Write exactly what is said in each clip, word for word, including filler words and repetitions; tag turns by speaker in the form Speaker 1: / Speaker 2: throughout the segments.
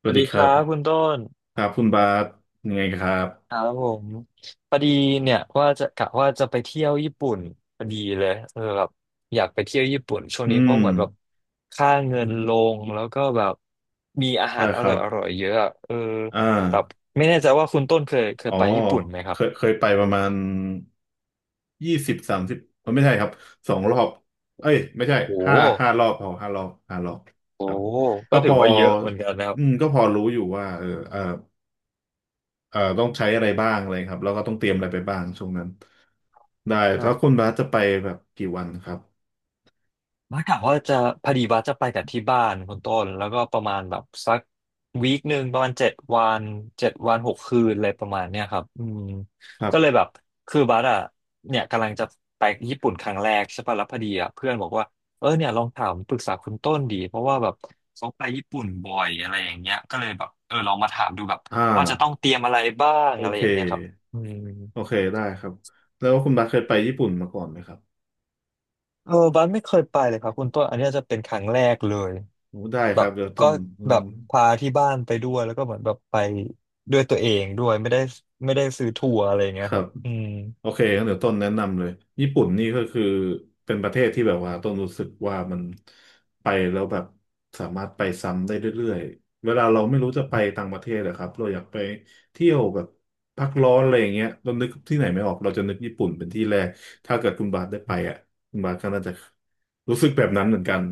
Speaker 1: ส
Speaker 2: ส
Speaker 1: วั
Speaker 2: วั
Speaker 1: ส
Speaker 2: ส
Speaker 1: ดี
Speaker 2: ดี
Speaker 1: ค
Speaker 2: ค
Speaker 1: รับ
Speaker 2: รับคุณต้น
Speaker 1: ครับคุณบาสยังไงครั
Speaker 2: ค
Speaker 1: บ
Speaker 2: รับผมพอดีเนี่ยว่าจะกะว่าจะไปเที่ยวญี่ปุ่นพอดีเลยเออแบบอยากไปเที่ยวญี่ปุ่นช่วง
Speaker 1: อื
Speaker 2: นี้เพ
Speaker 1: ม
Speaker 2: ราะเหมือนแบบค่าเงินลงแล้วก็แบบมีอาหา
Speaker 1: ได้
Speaker 2: รอ
Speaker 1: ครั
Speaker 2: ร่อย
Speaker 1: บ
Speaker 2: อร่อยเยอะอะเออ
Speaker 1: อ่า
Speaker 2: แบบไม่แน่ใจว่าคุณต้นเคยเค
Speaker 1: อ๋
Speaker 2: ย
Speaker 1: อ
Speaker 2: ไปญี่ปุ่นไหมค
Speaker 1: เค
Speaker 2: รับ
Speaker 1: ยเคยไปประมาณยี่สิบสามสิบไม่ใช่ครับสองรอบเอ้ยไม่ใช่
Speaker 2: โอ้
Speaker 1: ห้าห้ารอบพอห้ารอบห้ารอบ
Speaker 2: โห
Speaker 1: ค
Speaker 2: โอ้
Speaker 1: รับ
Speaker 2: โห
Speaker 1: ก็
Speaker 2: ก็
Speaker 1: พ
Speaker 2: ถือ
Speaker 1: อ
Speaker 2: ว่าเยอะเหมือนกันนะครับ
Speaker 1: อืมก็พอรู้อยู่ว่าเออเออเออต้องใช้อะไรบ้างอะไรครับแล้วก็ต้องเตรียมอะไรไปบ้างช่วงนั้นได้แล้วคุณบาสจะไปแบบกี่วันครับ
Speaker 2: บ้ากะว่าจะพอดีบ่าจะไปกับที่บ้านคุณต้นแล้วก็ประมาณแบบสักวีคหนึ่งประมาณเจ็ดวันเจ็ดวันหกคืนอะไรประมาณเนี้ยครับอืม
Speaker 1: ครั
Speaker 2: ก็เลย
Speaker 1: บ
Speaker 2: แบบคือบัสอ่ะเนี่ยกำลังจะไปญี่ปุ่นครั้งแรกใช่ปะแล้วพอดีอ่ะเพื่อนบอกว่าเออเนี่ยลองถามปรึกษาคุณต้นดีเพราะว่าแบบเขาไปญี่ปุ่นบ่อยอะไรอย่างเงี้ยก็เลยแบบเออลองมาถามดูแบบ
Speaker 1: อ่
Speaker 2: ว่าจะต้อง
Speaker 1: า
Speaker 2: เตรียมอะไรบ้าง
Speaker 1: โอ
Speaker 2: อะไร
Speaker 1: เค
Speaker 2: อย่างเงี้ยครับอืม
Speaker 1: โอเคได้ครับแล้วคุณบัสเคยไปญี่ปุ่นมาก่อนไหมครับ
Speaker 2: เออบันไม่เคยไปเลยครับคุณต้นอันเนี้ยจะเป็นครั้งแรกเลย
Speaker 1: โอ้ได้
Speaker 2: แบ
Speaker 1: ครั
Speaker 2: บ
Speaker 1: บเดี๋ยวต้
Speaker 2: ก็
Speaker 1: นเอิ่
Speaker 2: แบบ
Speaker 1: ม
Speaker 2: พาที่บ้านไปด้วยแล้วก็เหมือนแบบไปด้วยตัวเองด้วยไม่ได้ไม่ได้ซื้อทัวร์อะไรอย่างเงี้
Speaker 1: ค
Speaker 2: ยค
Speaker 1: รั
Speaker 2: รั
Speaker 1: บ
Speaker 2: บอืม
Speaker 1: โอเคงั้นเดี๋ยวต้นแนะนำเลยญี่ปุ่นนี่ก็คือเป็นประเทศที่แบบว่าต้นรู้สึกว่ามันไปแล้วแบบสามารถไปซ้ำได้เรื่อยๆเวลาเราไม่รู้จะไปต่างประเทศอะครับเราอยากไปเที่ยวแบบพักร้อนอะไรอย่างเงี้ยเรานึกที่ไหนไม่ออกเราจะนึกญี่ปุ่นเป็นที่แรกถ้าเกิดคุณบาสได้ไปอ่ะคุณบาสก็น่าจะรู้สึกแบบนั้นเหมือนกัน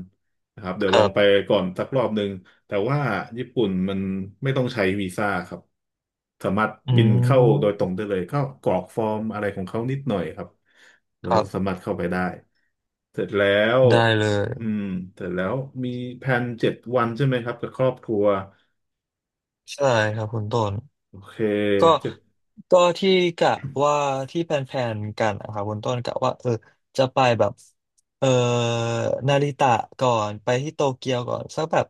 Speaker 1: นะครับเดี๋
Speaker 2: ค
Speaker 1: ยวล
Speaker 2: รั
Speaker 1: องไป
Speaker 2: บ
Speaker 1: ก่อนสักรอบหนึ่ง แต่ว่าญี่ปุ่นมันไม่ต้องใช้วีซ่าครับสามารถ
Speaker 2: อื
Speaker 1: บินเข้าโดยต
Speaker 2: ม
Speaker 1: รงได้เลยก็กรอกฟอร์มอะไรของเขานิดหน่อยครับแล้
Speaker 2: ค
Speaker 1: ว
Speaker 2: รั
Speaker 1: สา
Speaker 2: บ
Speaker 1: มารถเข้าไปได้เสร็จแล้ว
Speaker 2: ได้เลย
Speaker 1: อืมเสร็จแล้วมีแผนเจ็ดวันใช่ไหมครับกับครอบครัว
Speaker 2: ใช่ครับคุณต้น
Speaker 1: โอเค
Speaker 2: ก็
Speaker 1: เจ็ด
Speaker 2: ก็ที่กะว่าที่แพลนๆกันนะครับคุณต้นกะว่าเออจะไปแบบ เอ่อนาริตะก่อนไปที่โตเกียวก่อนสักแบบ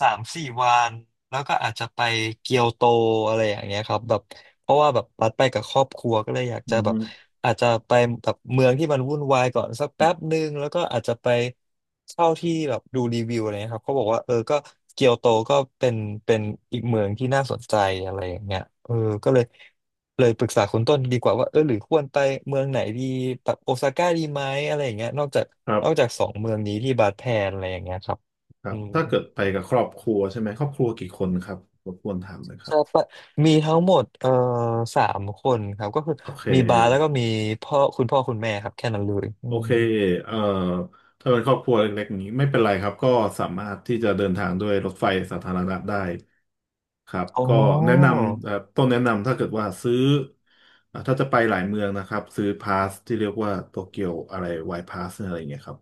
Speaker 2: สามสี่วันแล้วก็อาจจะไปเกียวโตอะไรอย่างเงี้ยครับแบบเพราะว่าแบบบัดไปกับครอบครัวก็เลยอยาก
Speaker 1: อื
Speaker 2: จะแบบ
Speaker 1: ม
Speaker 2: อาจจะไปแบบเมืองที่มันวุ่นวายก่อนสักแป๊บหนึ่งแล้วก็อาจจะไปเช่าที่แบบดูรีวิวอะไรเงี้ยครับเขาบอกว่าเออก็เกียวโตก็เป็นเป็นอีกเมืองที่น่าสนใจอะไรอย่างเงี้ยเออก็เลยเลยปรึกษาคุณต้นดีกว่าว่าเออหรือควรไปเมืองไหนดีแบบโอซาก้าดีไหมอะไรอย่างเงี้ยนอกจาก
Speaker 1: ครั
Speaker 2: นอกจาก
Speaker 1: บ
Speaker 2: สองเมืองนี้ที่บาดแพนอะไรอย่างเงี้ยครับ
Speaker 1: ครั
Speaker 2: อื
Speaker 1: บ
Speaker 2: ม
Speaker 1: ถ้าเกิดไปกับครอบครัวใช่ไหมครอบครัวกี่คนครับรบกวนถามหน่อยครั
Speaker 2: ใช่
Speaker 1: บ
Speaker 2: ปะมีทั้งหมดเอ่อสามคนครับก็คือ
Speaker 1: โอเค
Speaker 2: มีบาสแล้วก็มีพ่อคุณพ่อคุณแม่ครับแค่นั้นเลยอื
Speaker 1: โอ
Speaker 2: ม
Speaker 1: เคเอ่อถ้าเป็นครอบครัวเล็กๆนี้ไม่เป็นไรครับ ก็สามารถที่จะเดินทางด้วยรถไฟสาธารณะได้ครับ
Speaker 2: อ๋อ
Speaker 1: ก็แนะนำเอ่อต้องแนะนำถ้าเกิดว่าซื้อเอ่อถ้าจะไปหลายเมืองนะครับ ซื้อพาสที่เรียกว่าโตเกียวอะไรไวพาสอะไรอย่างเงี้ยครับ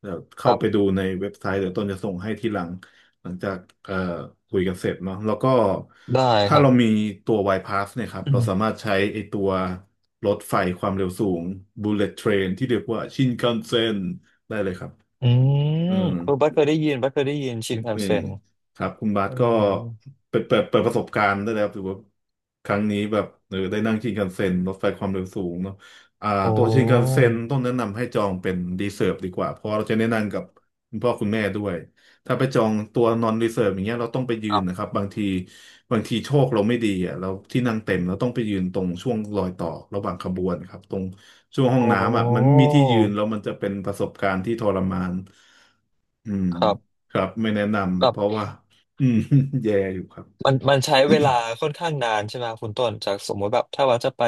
Speaker 1: เดี๋ยว
Speaker 2: ค
Speaker 1: เข้า
Speaker 2: รั
Speaker 1: ไปดู
Speaker 2: บ
Speaker 1: ในเว็บไซต์เดี๋ยวต้นจะส่งให้ทีหลัง หลังจากเอ่อคุยกันเสร็จเนาะแล้วก็
Speaker 2: ได้ค
Speaker 1: ถ้า
Speaker 2: รั
Speaker 1: เรามี
Speaker 2: บ
Speaker 1: ตัว Y-Pass เนี่ยครับ
Speaker 2: อื
Speaker 1: เรา
Speaker 2: ม
Speaker 1: สามารถใช้ไอตัวรถไฟความเร็วสูง Bullet Train ที่เรียกว่าชินคันเซ็นได้เลยครับ
Speaker 2: อื
Speaker 1: อื
Speaker 2: ม
Speaker 1: ม
Speaker 2: เออบัสเคยได้ยินบัสเคยได้ยินชินคัน
Speaker 1: นี่
Speaker 2: เซ็น
Speaker 1: ครับคุณบาส
Speaker 2: อื
Speaker 1: ก็
Speaker 2: ม
Speaker 1: เปิดเปิดเปิดประสบการณ์ได้แล้วถือว่าครั้งนี้แบบเออได้นั่งชินคันเซ็นรถไฟความเร็วสูงเนาะอ่า
Speaker 2: โอ้
Speaker 1: ตัวชินคันเซ็นต้องแนะนำให้จองเป็นรีเซิร์ฟดีกว่าเพราะเราจะแนะนำกับคุณพ่อคุณแม่ด้วยถ้าไปจองตัวนอนรีเซิร์ฟอย่างเงี้ยเราต้องไปยื
Speaker 2: ครั
Speaker 1: นนะค
Speaker 2: บ
Speaker 1: รับบางทีบางทีโชคเราไม่ดีอ่ะเราที่นั่งเต็มเราต้องไปยืนตรงช่วงรอยต่อระหว่างขบวนครับตรงช่วงห้อง
Speaker 2: โอ้
Speaker 1: น้ำอ่ะมันไม่มีที่ยืนแล้วมันจะเป็นประสบการณ์ที่ทรมาน อืม
Speaker 2: ครับ
Speaker 1: ครับไม่แนะนำ
Speaker 2: แบ
Speaker 1: เพ
Speaker 2: บ
Speaker 1: ราะว่าอืม แย่อยู่ครับ
Speaker 2: มันมันใช้เวลาค่อนข้างนานใช่ไหมครับคุณต้นจากสมมติแบบถ้าว่าจะไป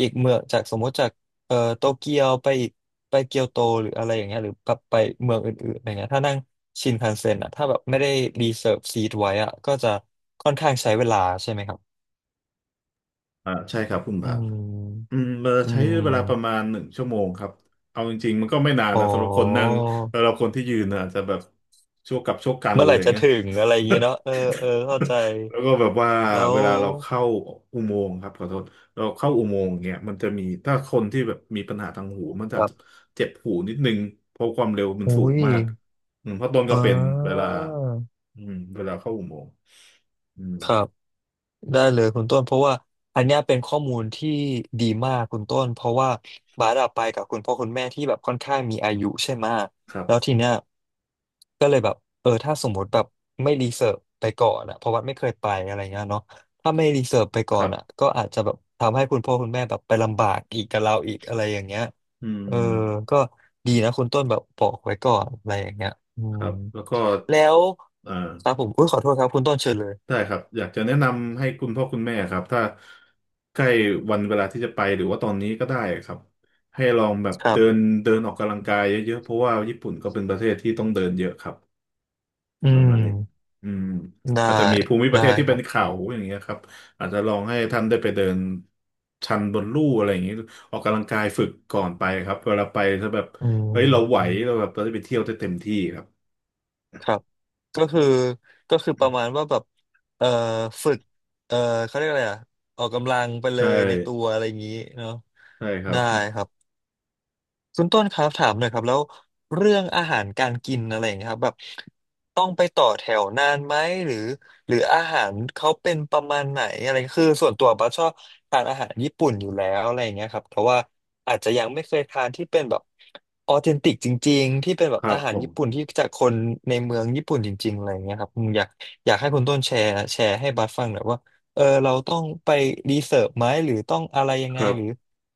Speaker 2: อีกเมืองจากสมมติจากเอ่อโตเกียวไปอีกไปเกียวโตหรืออะไรอย่างเงี้ยหรือแบบไปเมืองอื่นๆอะไรเงี้ยถ้านั่งชินคันเซ็นอ่ะถ้าแบบไม่ได้รีเซิร์ฟซีทไว้อ่ะก็จะค่อนข้างใช้เวลาใช่ไหมครับ
Speaker 1: อ่าใช่ครับคุณ
Speaker 2: อื
Speaker 1: บาท อื
Speaker 2: ม
Speaker 1: มเรา
Speaker 2: อื
Speaker 1: ใช้เวลาประ
Speaker 2: ม
Speaker 1: มาณหนึ่งชั่วโมงครับเอาจริงๆมันก็ไม่นาน
Speaker 2: อ๋อ
Speaker 1: นะสำหรับคนนั่งสำหรับคนที่ยืนนะอาจจะแบบชั่วกับชั่วกัน
Speaker 2: เมื่อ
Speaker 1: อะ
Speaker 2: ไห
Speaker 1: ไร
Speaker 2: ร่จะ
Speaker 1: เงี้ย
Speaker 2: ถึงอะไรอย่างเงี้ย เนาะเออเออเข้าใจ
Speaker 1: แล้วก็แบบว่า
Speaker 2: แล้
Speaker 1: เว
Speaker 2: ว
Speaker 1: ลาเราเข้าอุโมงค์ครับขอโทษเราเข้าอุโมงค์เนี่ยมันจะมีถ้าคนที่แบบมีปัญหาทางหูมันจะ
Speaker 2: ครับ
Speaker 1: เจ็บหูนิดนึงเพราะความเร็วมัน
Speaker 2: อุ้
Speaker 1: สูง
Speaker 2: ย
Speaker 1: มากอืมเพราะต้น
Speaker 2: อ่
Speaker 1: ก็เป็นเวลา
Speaker 2: า
Speaker 1: อืมเวลาเข้าอุโมงค์อืม
Speaker 2: ครับ ได้เลยคุณต้นเพราะว่าอันเนี้ยเป็นข้อมูลที่ดีมากคุณต้นเพราะว่าบาสอะไปกับคุณพ่อคุณแม่ที่แบบค่อนข้างมีอายุใช่ไหมะ
Speaker 1: ครั
Speaker 2: แล้ว
Speaker 1: บ
Speaker 2: ทีเนี้ยก็เลยแบบเออถ้าสมมติแบบไม่รีเสิร์ชไปก่อนอะเพราะว่าไม่เคยไปอะไรเงี้ยเนาะถ้าไม่รีเสิร์ชไปก่
Speaker 1: ค
Speaker 2: อ
Speaker 1: รั
Speaker 2: น
Speaker 1: บ
Speaker 2: อะก็อาจจะแบบทำให้คุณพ่อคุณแม่แบบไปลำบากอีกกับเราอีกอะไรอย่างเงี้ย
Speaker 1: อื
Speaker 2: เออ
Speaker 1: ม
Speaker 2: ก็ดีนะคุณต้นแบบบอกไว้ก่อนอะไรอย่างเงี้ยอื
Speaker 1: ค
Speaker 2: ม
Speaker 1: รับแล้วก็
Speaker 2: แล้ว
Speaker 1: อ่า
Speaker 2: ครับผมอุ้ยขอโทษครับคุณต้นเชิญเลย
Speaker 1: ได้ครับอยากจะแนะนำให้คุณพ่อคุณแม่ครับถ้าใกล้วันเวลาที่จะไปหรือว่าตอนนี้ก็ได้ครับให้ลองแบบ
Speaker 2: ครั
Speaker 1: เดิน
Speaker 2: บ
Speaker 1: เดินออกกำลังกายเยอะๆเพราะว่าญี่ปุ่นก็เป็นประเทศที่ต้องเดินเยอะครับ
Speaker 2: อื
Speaker 1: ประ
Speaker 2: ม
Speaker 1: มาณนี้อืม
Speaker 2: ได้
Speaker 1: อาจจะมีภูมิประ
Speaker 2: ได้
Speaker 1: เทศที่
Speaker 2: ค
Speaker 1: เป็
Speaker 2: รั
Speaker 1: น
Speaker 2: บ
Speaker 1: เขาอย่างเงี้ยครับอาจจะลองให้ท่านได้ไปเดินชันบนลู่อะไรอย่างเงี้ยออกกำลังกายฝึกก่อนไปครับเวลาไปจะแบบ
Speaker 2: อื
Speaker 1: เฮ้ยเราไหวเรา
Speaker 2: ม
Speaker 1: แบบเราได้ไปเที่ยวได้เต็มที่ครับ
Speaker 2: ครับก็คือก็คือประมาณว่าแบบเอ่อฝึกเอ่อเขาเรียกอะไรอ่ะออกกำลังไปเล
Speaker 1: ใช่
Speaker 2: ยในตัวอะไรอย่างนี้เนาะ
Speaker 1: ใช่ครั
Speaker 2: ได้
Speaker 1: บ
Speaker 2: ครับ คุณต้นครับถามหน่อยครับแล้วเรื่องอาหารการกินอะไรอย่างเงี้ยครับแบบต้องไปต่อแถวนานไหมหรือหรืออาหารเขาเป็นประมาณไหนอะไรคือส่วนตัวบัสชอบทานอาหารญี่ปุ่นอยู่แล้วอะไรอย่างเงี้ยครับแต่ว่าอาจจะยังไม่เคยทานที่เป็นแบบออเทนติกจริงๆที่เป็นแบ
Speaker 1: ค
Speaker 2: บ
Speaker 1: รั
Speaker 2: อา
Speaker 1: บ
Speaker 2: หา
Speaker 1: ผ
Speaker 2: ร
Speaker 1: ม
Speaker 2: ญี่ปุ่นที่จากคนในเมืองญี่ปุ่นจริงๆอะไรอย่างเงี้ยครับอืมอยากอยากให้คุณต้นแชร์แชร์ให้บัสฟังหน่อยว่าเออเราต้องไปรีเสิร์ชไหมหรือต้องอะไรยัง
Speaker 1: ค
Speaker 2: ไง
Speaker 1: รับ
Speaker 2: หรือ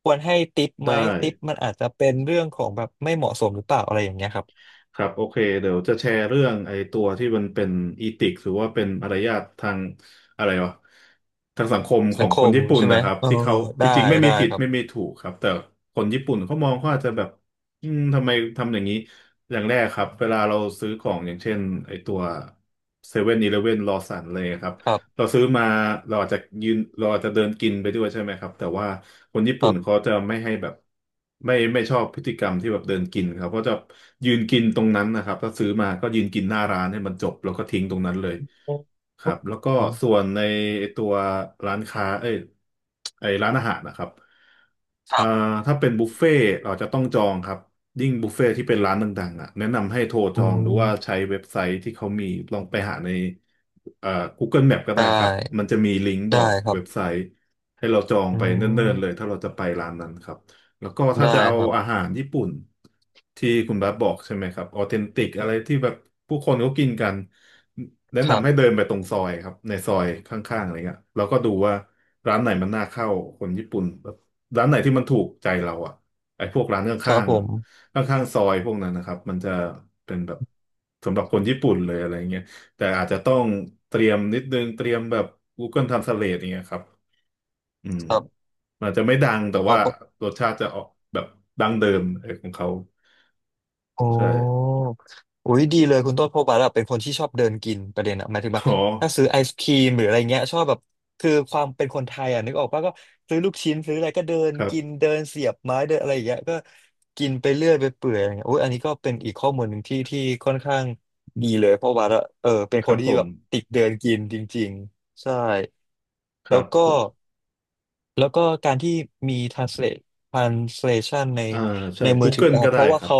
Speaker 2: ควรให้ติปไห
Speaker 1: ได้
Speaker 2: มติปมันอาจจะเป็นเรื่องของแบบไม่เหมาะสมหรือเปล่าอะไรอย่างเงี้ยครับ
Speaker 1: ครับโอเคเดี๋ยวจะแชร์เรื่องไอ้ตัวที่มันเป็นอีติกหรือว่าเป็นมารยาททางอะไรวะทางสังคมขอ
Speaker 2: สัง
Speaker 1: ง
Speaker 2: ค
Speaker 1: คน
Speaker 2: ม
Speaker 1: ญี่ปุ่น
Speaker 2: ใช่ไหม
Speaker 1: นะครับ
Speaker 2: เออ
Speaker 1: ที่เขาจ
Speaker 2: ได้
Speaker 1: ริงๆไม่มี
Speaker 2: ได้
Speaker 1: ผิด
Speaker 2: ครั
Speaker 1: ไม่มี
Speaker 2: บ
Speaker 1: ถูกครับแต่คนญี่ปุ่นเขามองเขาอาจจะแบบอืมทำไมทำอย่างนี้อย่างแรกครับเวลาเราซื้อของอย่างเช่นไอ้ตัวเซเว่นอีเลฟเว่นลอสันเลยครับ
Speaker 2: ครั
Speaker 1: เรา
Speaker 2: บ
Speaker 1: ซื้อมาเราอาจจะยืนเราอาจจะเดินกินไปด้วยใช่ไหมครับแต่ว่าคนญี่
Speaker 2: ค
Speaker 1: ปุ่
Speaker 2: รั
Speaker 1: นเขา
Speaker 2: บ
Speaker 1: จะไม่ให้แบบไม่ไม่ชอบพฤติกรรมที่แบบเดินกินครับเขาจะยืนกินตรงนั้นนะครับถ้าซื้อมาก็ยืนกินหน้าร้านให้มันจบแล้วก็ทิ้งตรงนั้นเลยครับแล้วก็ส่วนในไอ้ตัวร้านค้าเอ้ยไอ้ร้านอาหารนะครับ
Speaker 2: ค
Speaker 1: อ่า
Speaker 2: รับ
Speaker 1: ถ้าเป็นบุฟเฟ่ต์เราจะต้องจองครับยิ่งบุฟเฟ่ต์ที่เป็นร้านดังๆอ่ะแนะนำให้โทรจ
Speaker 2: อื
Speaker 1: องหรือว่าใช้
Speaker 2: ม
Speaker 1: เว็บไซต์ที่เขามีลองไปหาในเอ่อ กูเกิล แมพ ก็
Speaker 2: ได
Speaker 1: ได้ครับมั
Speaker 2: ้
Speaker 1: นจะมีลิงก์บ
Speaker 2: ได้
Speaker 1: อก
Speaker 2: ครับ
Speaker 1: เว็บไซต์ให้เราจอง
Speaker 2: อื
Speaker 1: ไปเนิ่นๆเลย
Speaker 2: ม
Speaker 1: ถ้าเราจะไปร้านนั้นครับแล้วก็ถ้า
Speaker 2: ได้
Speaker 1: จะเอา
Speaker 2: ครั
Speaker 1: อา
Speaker 2: บ
Speaker 1: หารญี่ปุ่นที่คุณบาสบอกใช่ไหมครับออเทนติกอะไรที่แบบผู้คนเขากินกันแนะ
Speaker 2: ครั
Speaker 1: นำให้เดิ
Speaker 2: บ
Speaker 1: นไปตรงซอยครับในซอยข้างๆอะไรเงี้ยเราก็ดูว่าร้านไหนมันน่าเข้าคนญี่ปุ่น ร้านไหนที่มันถูกใจเราอ่ะไอ้พวกร้านข
Speaker 2: ครั
Speaker 1: ้า
Speaker 2: บ
Speaker 1: ง
Speaker 2: ผม
Speaker 1: ๆข้างๆซอยพวกนั้นนะครับมันจะเป็นแบบสำหรับคนญี่ปุ่นเลยอะไรเงี้ยแต่อาจจะต้องเตรียมนิดนึงเตรียมแบบ Google Translate อย่างเงี้ยครับอืม
Speaker 2: ครับ
Speaker 1: มันอาจจะไม่ดังแต่
Speaker 2: ขอ
Speaker 1: ว่า
Speaker 2: บ
Speaker 1: รสชาติจะออกแบบดั้งเดิมเออของเขา
Speaker 2: โอ้
Speaker 1: ใช่
Speaker 2: อุ้ยดีเลยคุณต้นเพราะว่าแบบเป็นคนที่ชอบเดินกินประเด็นอะหมายถึงแบบ
Speaker 1: อ๋อ
Speaker 2: ถ้าซื้อไอศครีมหรืออะไรเงี้ยชอบแบบคือความเป็นคนไทยอะนึกออกป่ะก็ซื้อลูกชิ้นซื้ออะไรก็เดิน
Speaker 1: ครั
Speaker 2: กิน
Speaker 1: บ
Speaker 2: เดินเสียบไม้เดินอะไรอย่างเงี้ยก็กินไปเรื่อยไปเปื่อยอะไรเงี้ยอุ้ยอันนี้ก็เป็นอีกข้อมูลหนึ่งที่ที่ค่อนข้างดีเลยเพราะว่าเออเป็น
Speaker 1: ค
Speaker 2: ค
Speaker 1: รั
Speaker 2: น
Speaker 1: บผ
Speaker 2: ที่
Speaker 1: ม
Speaker 2: แบบติดเดินกินจริงๆใช่
Speaker 1: ค
Speaker 2: แล้
Speaker 1: รั
Speaker 2: วก็
Speaker 1: บ
Speaker 2: แล้วก็การที่มี translate translation ใน
Speaker 1: อ่าใช่
Speaker 2: ในมือถือ
Speaker 1: Google
Speaker 2: อะครั
Speaker 1: ก็
Speaker 2: บเพ
Speaker 1: ได้
Speaker 2: ราะ
Speaker 1: ค
Speaker 2: ว่า
Speaker 1: รับ
Speaker 2: เขา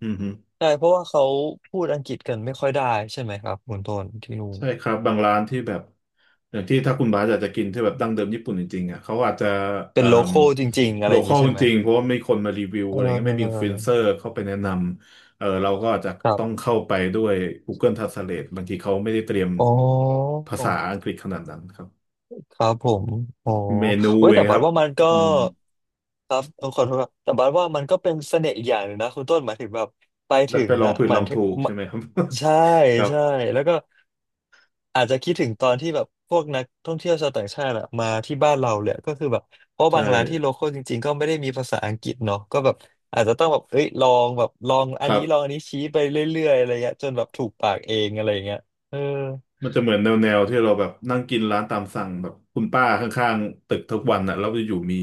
Speaker 1: อืม
Speaker 2: ใช่เพราะว่าเขาพูดอังกฤษกันไม่ค่อยได้ใช่ไหมครับคุณต้นที่นู่น
Speaker 1: ใช่ครับบางร้านที่แบบอย่างที่ถ้าคุณบาสอยากจะกินที่แบบดั้งเดิมญี่ปุ่นจริงๆอ่ะเขาอาจจะ
Speaker 2: เป็
Speaker 1: เอ่
Speaker 2: น
Speaker 1: ม
Speaker 2: local จริงๆอะ
Speaker 1: โล
Speaker 2: ไรอย่า
Speaker 1: ค
Speaker 2: ง
Speaker 1: อ
Speaker 2: นี้
Speaker 1: ล
Speaker 2: ใช่
Speaker 1: จ
Speaker 2: ไหม
Speaker 1: ริงๆเพราะว่าไม่มีคนมารีวิว
Speaker 2: เอ
Speaker 1: อะไรเงี้ยไม่มีอินฟลู
Speaker 2: อ
Speaker 1: เอนเซอร์เข้าไปแนะนำเออเราก็อาจจะ
Speaker 2: ครั
Speaker 1: ต้อง
Speaker 2: บ
Speaker 1: เข้าไปด้วย Google Translate บางทีเขาไม่ได้เตรียม
Speaker 2: อ๋อ
Speaker 1: ภาษาอังกฤษขนาดนั้นครับ
Speaker 2: ครับผม อ๋อ
Speaker 1: เมนู
Speaker 2: เว้ย
Speaker 1: เอ
Speaker 2: แต่
Speaker 1: งค
Speaker 2: บัด
Speaker 1: รับ
Speaker 2: ว่ามันก็
Speaker 1: อืม
Speaker 2: ครับเออขอโทษครับแต่บัดว่ามันก็เป็นเสน่ห์อีกอย่างหนึ่งนะคุณต้นหมายถึงแบบไป
Speaker 1: ได้
Speaker 2: ถึ
Speaker 1: ไป
Speaker 2: ง
Speaker 1: ลอง
Speaker 2: อ่ะ
Speaker 1: ผิด
Speaker 2: เหมื
Speaker 1: ล
Speaker 2: อ
Speaker 1: อ
Speaker 2: น
Speaker 1: ง
Speaker 2: ถึ
Speaker 1: ถู
Speaker 2: ง
Speaker 1: กใช่
Speaker 2: มา
Speaker 1: ไหมครับ
Speaker 2: ใช่
Speaker 1: ครับ
Speaker 2: ใช่แล้วก็อาจจะคิดถึงตอนที่แบบพวกนักท่องเที่ยวชาวต่างชาติอะมาที่บ้านเราเลยก็คือแบบเพราะ
Speaker 1: ใช่
Speaker 2: บางร้านที่โลคอลจริงๆ ก็ไม่ได้มีภาษาอังกฤษเนาะก็แบบอาจจะต้องแบบเอ้ยลองแบบลองอั
Speaker 1: ค
Speaker 2: น
Speaker 1: รั
Speaker 2: นี้ลอง
Speaker 1: บ
Speaker 2: อันนี้ชี้ไปเรื่อยๆอะไรเงี้ยจนแบบถูกปากเองอะไรเงี้ยเออ
Speaker 1: มันจะเหมือนแนวแนวที่เราแบบนั่งกินร้านตามสั่งแบบคุณป้าข้างๆตึกทุกวันอ่ะแล้วอยู่ๆมี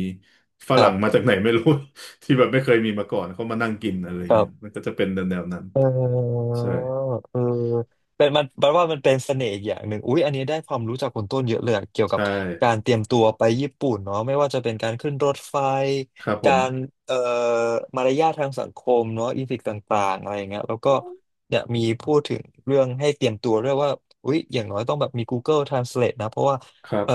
Speaker 1: ฝ
Speaker 2: ครั
Speaker 1: รั่งมา
Speaker 2: บ
Speaker 1: จากไหนไม่รู้ ที่แบบไม่เคยมีมาก่อนเขามานั่งกินอะไร
Speaker 2: ครั
Speaker 1: เงี้ยมัน
Speaker 2: บ
Speaker 1: ก็จะเป็นแนวแนวนั้น
Speaker 2: เออ
Speaker 1: ใช่
Speaker 2: เออเป็นมันแปลว่ามันเป็นเสน่ห์อีกอย่างหนึ่งอุ๊ยอันนี้ได้ความรู้จากคนต้นเยอะเลยอะเกี่ยวกั
Speaker 1: ใช่
Speaker 2: บการเตรียมตัวไปญี่ปุ่นเนาะไม่ว่าจะเป็นการขึ้นรถไฟ
Speaker 1: ครับผ
Speaker 2: กา
Speaker 1: ม
Speaker 2: รเอ่อมารยาททางสังคมเนาะอีทิกต่างๆอะไรอย่างเงี้ยแล้วก็เนี่ยมีพูดถึงเรื่องให้เตรียมตัวด้วยว่าอุ๊ยอย่างน้อยต้องแบบมี กูเกิล ทรานสเลท นะเพราะว่า
Speaker 1: ครับ
Speaker 2: เอ่อ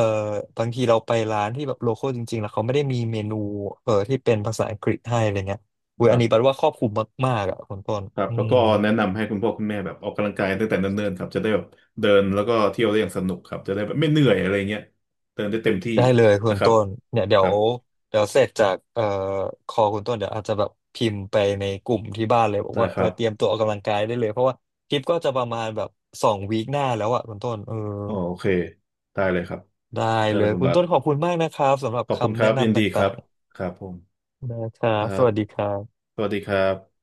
Speaker 2: บางทีเราไปร้านที่แบบโลคอลจริงๆแล้วเขาไม่ได้มีเมนูเอ่อที่เป็นภาษาอังกฤษให้อะไรเงี้ย อุย
Speaker 1: ค
Speaker 2: อั
Speaker 1: รั
Speaker 2: น
Speaker 1: บ
Speaker 2: นี้แปลว่าครอบคลุมมากๆอ่ะคุณต้น
Speaker 1: ครับ
Speaker 2: อื
Speaker 1: แล้ว
Speaker 2: ม
Speaker 1: ก็แนะนำให้คุณพ่อคุณแม่แบบออกกำลังกายตั้งแต่เนิ่นๆครับจะได้แบบเดินแล้วก็เที่ยวได้อย่างสนุกครับจะได้แบบไม่เหนื่อยอะไรเงี้ยเดินได้เต็มที่
Speaker 2: ได้เลยคุ
Speaker 1: นะ
Speaker 2: ณ
Speaker 1: ครับ
Speaker 2: ต้นเนี่ยเดี๋
Speaker 1: ค
Speaker 2: ยว
Speaker 1: รับ
Speaker 2: เดี๋ยวเสร็จจากเอ่อคอคุณต้นเดี๋ยวอาจจะแบบพิมพ์ไปในกลุ่มที่บ้านเลยบอก
Speaker 1: ได้
Speaker 2: ว่า
Speaker 1: ค
Speaker 2: เอ
Speaker 1: รั
Speaker 2: อ
Speaker 1: บ
Speaker 2: เตรียมตัวออกกำลังกายได้เลยเพราะว่าคลิปก็จะประมาณแบบสองวีคหน้าแล้วอ่ะคุณต้นเออ
Speaker 1: อ๋อโอเคได้เลยครับ
Speaker 2: ได้
Speaker 1: ได้
Speaker 2: เล
Speaker 1: เลย
Speaker 2: ย
Speaker 1: คุณ
Speaker 2: คุณ
Speaker 1: บาท
Speaker 2: ต้นขอบคุณมากนะครับสำหรับ
Speaker 1: ขอบคุณค
Speaker 2: คำแนะ
Speaker 1: รับ ยิน
Speaker 2: นำต
Speaker 1: ดีครั
Speaker 2: ่า
Speaker 1: บ
Speaker 2: ง
Speaker 1: ครับผม
Speaker 2: ๆนะครั
Speaker 1: ค
Speaker 2: บ
Speaker 1: รั
Speaker 2: ส
Speaker 1: บ
Speaker 2: วัสดีครับ
Speaker 1: สวัสดีครับ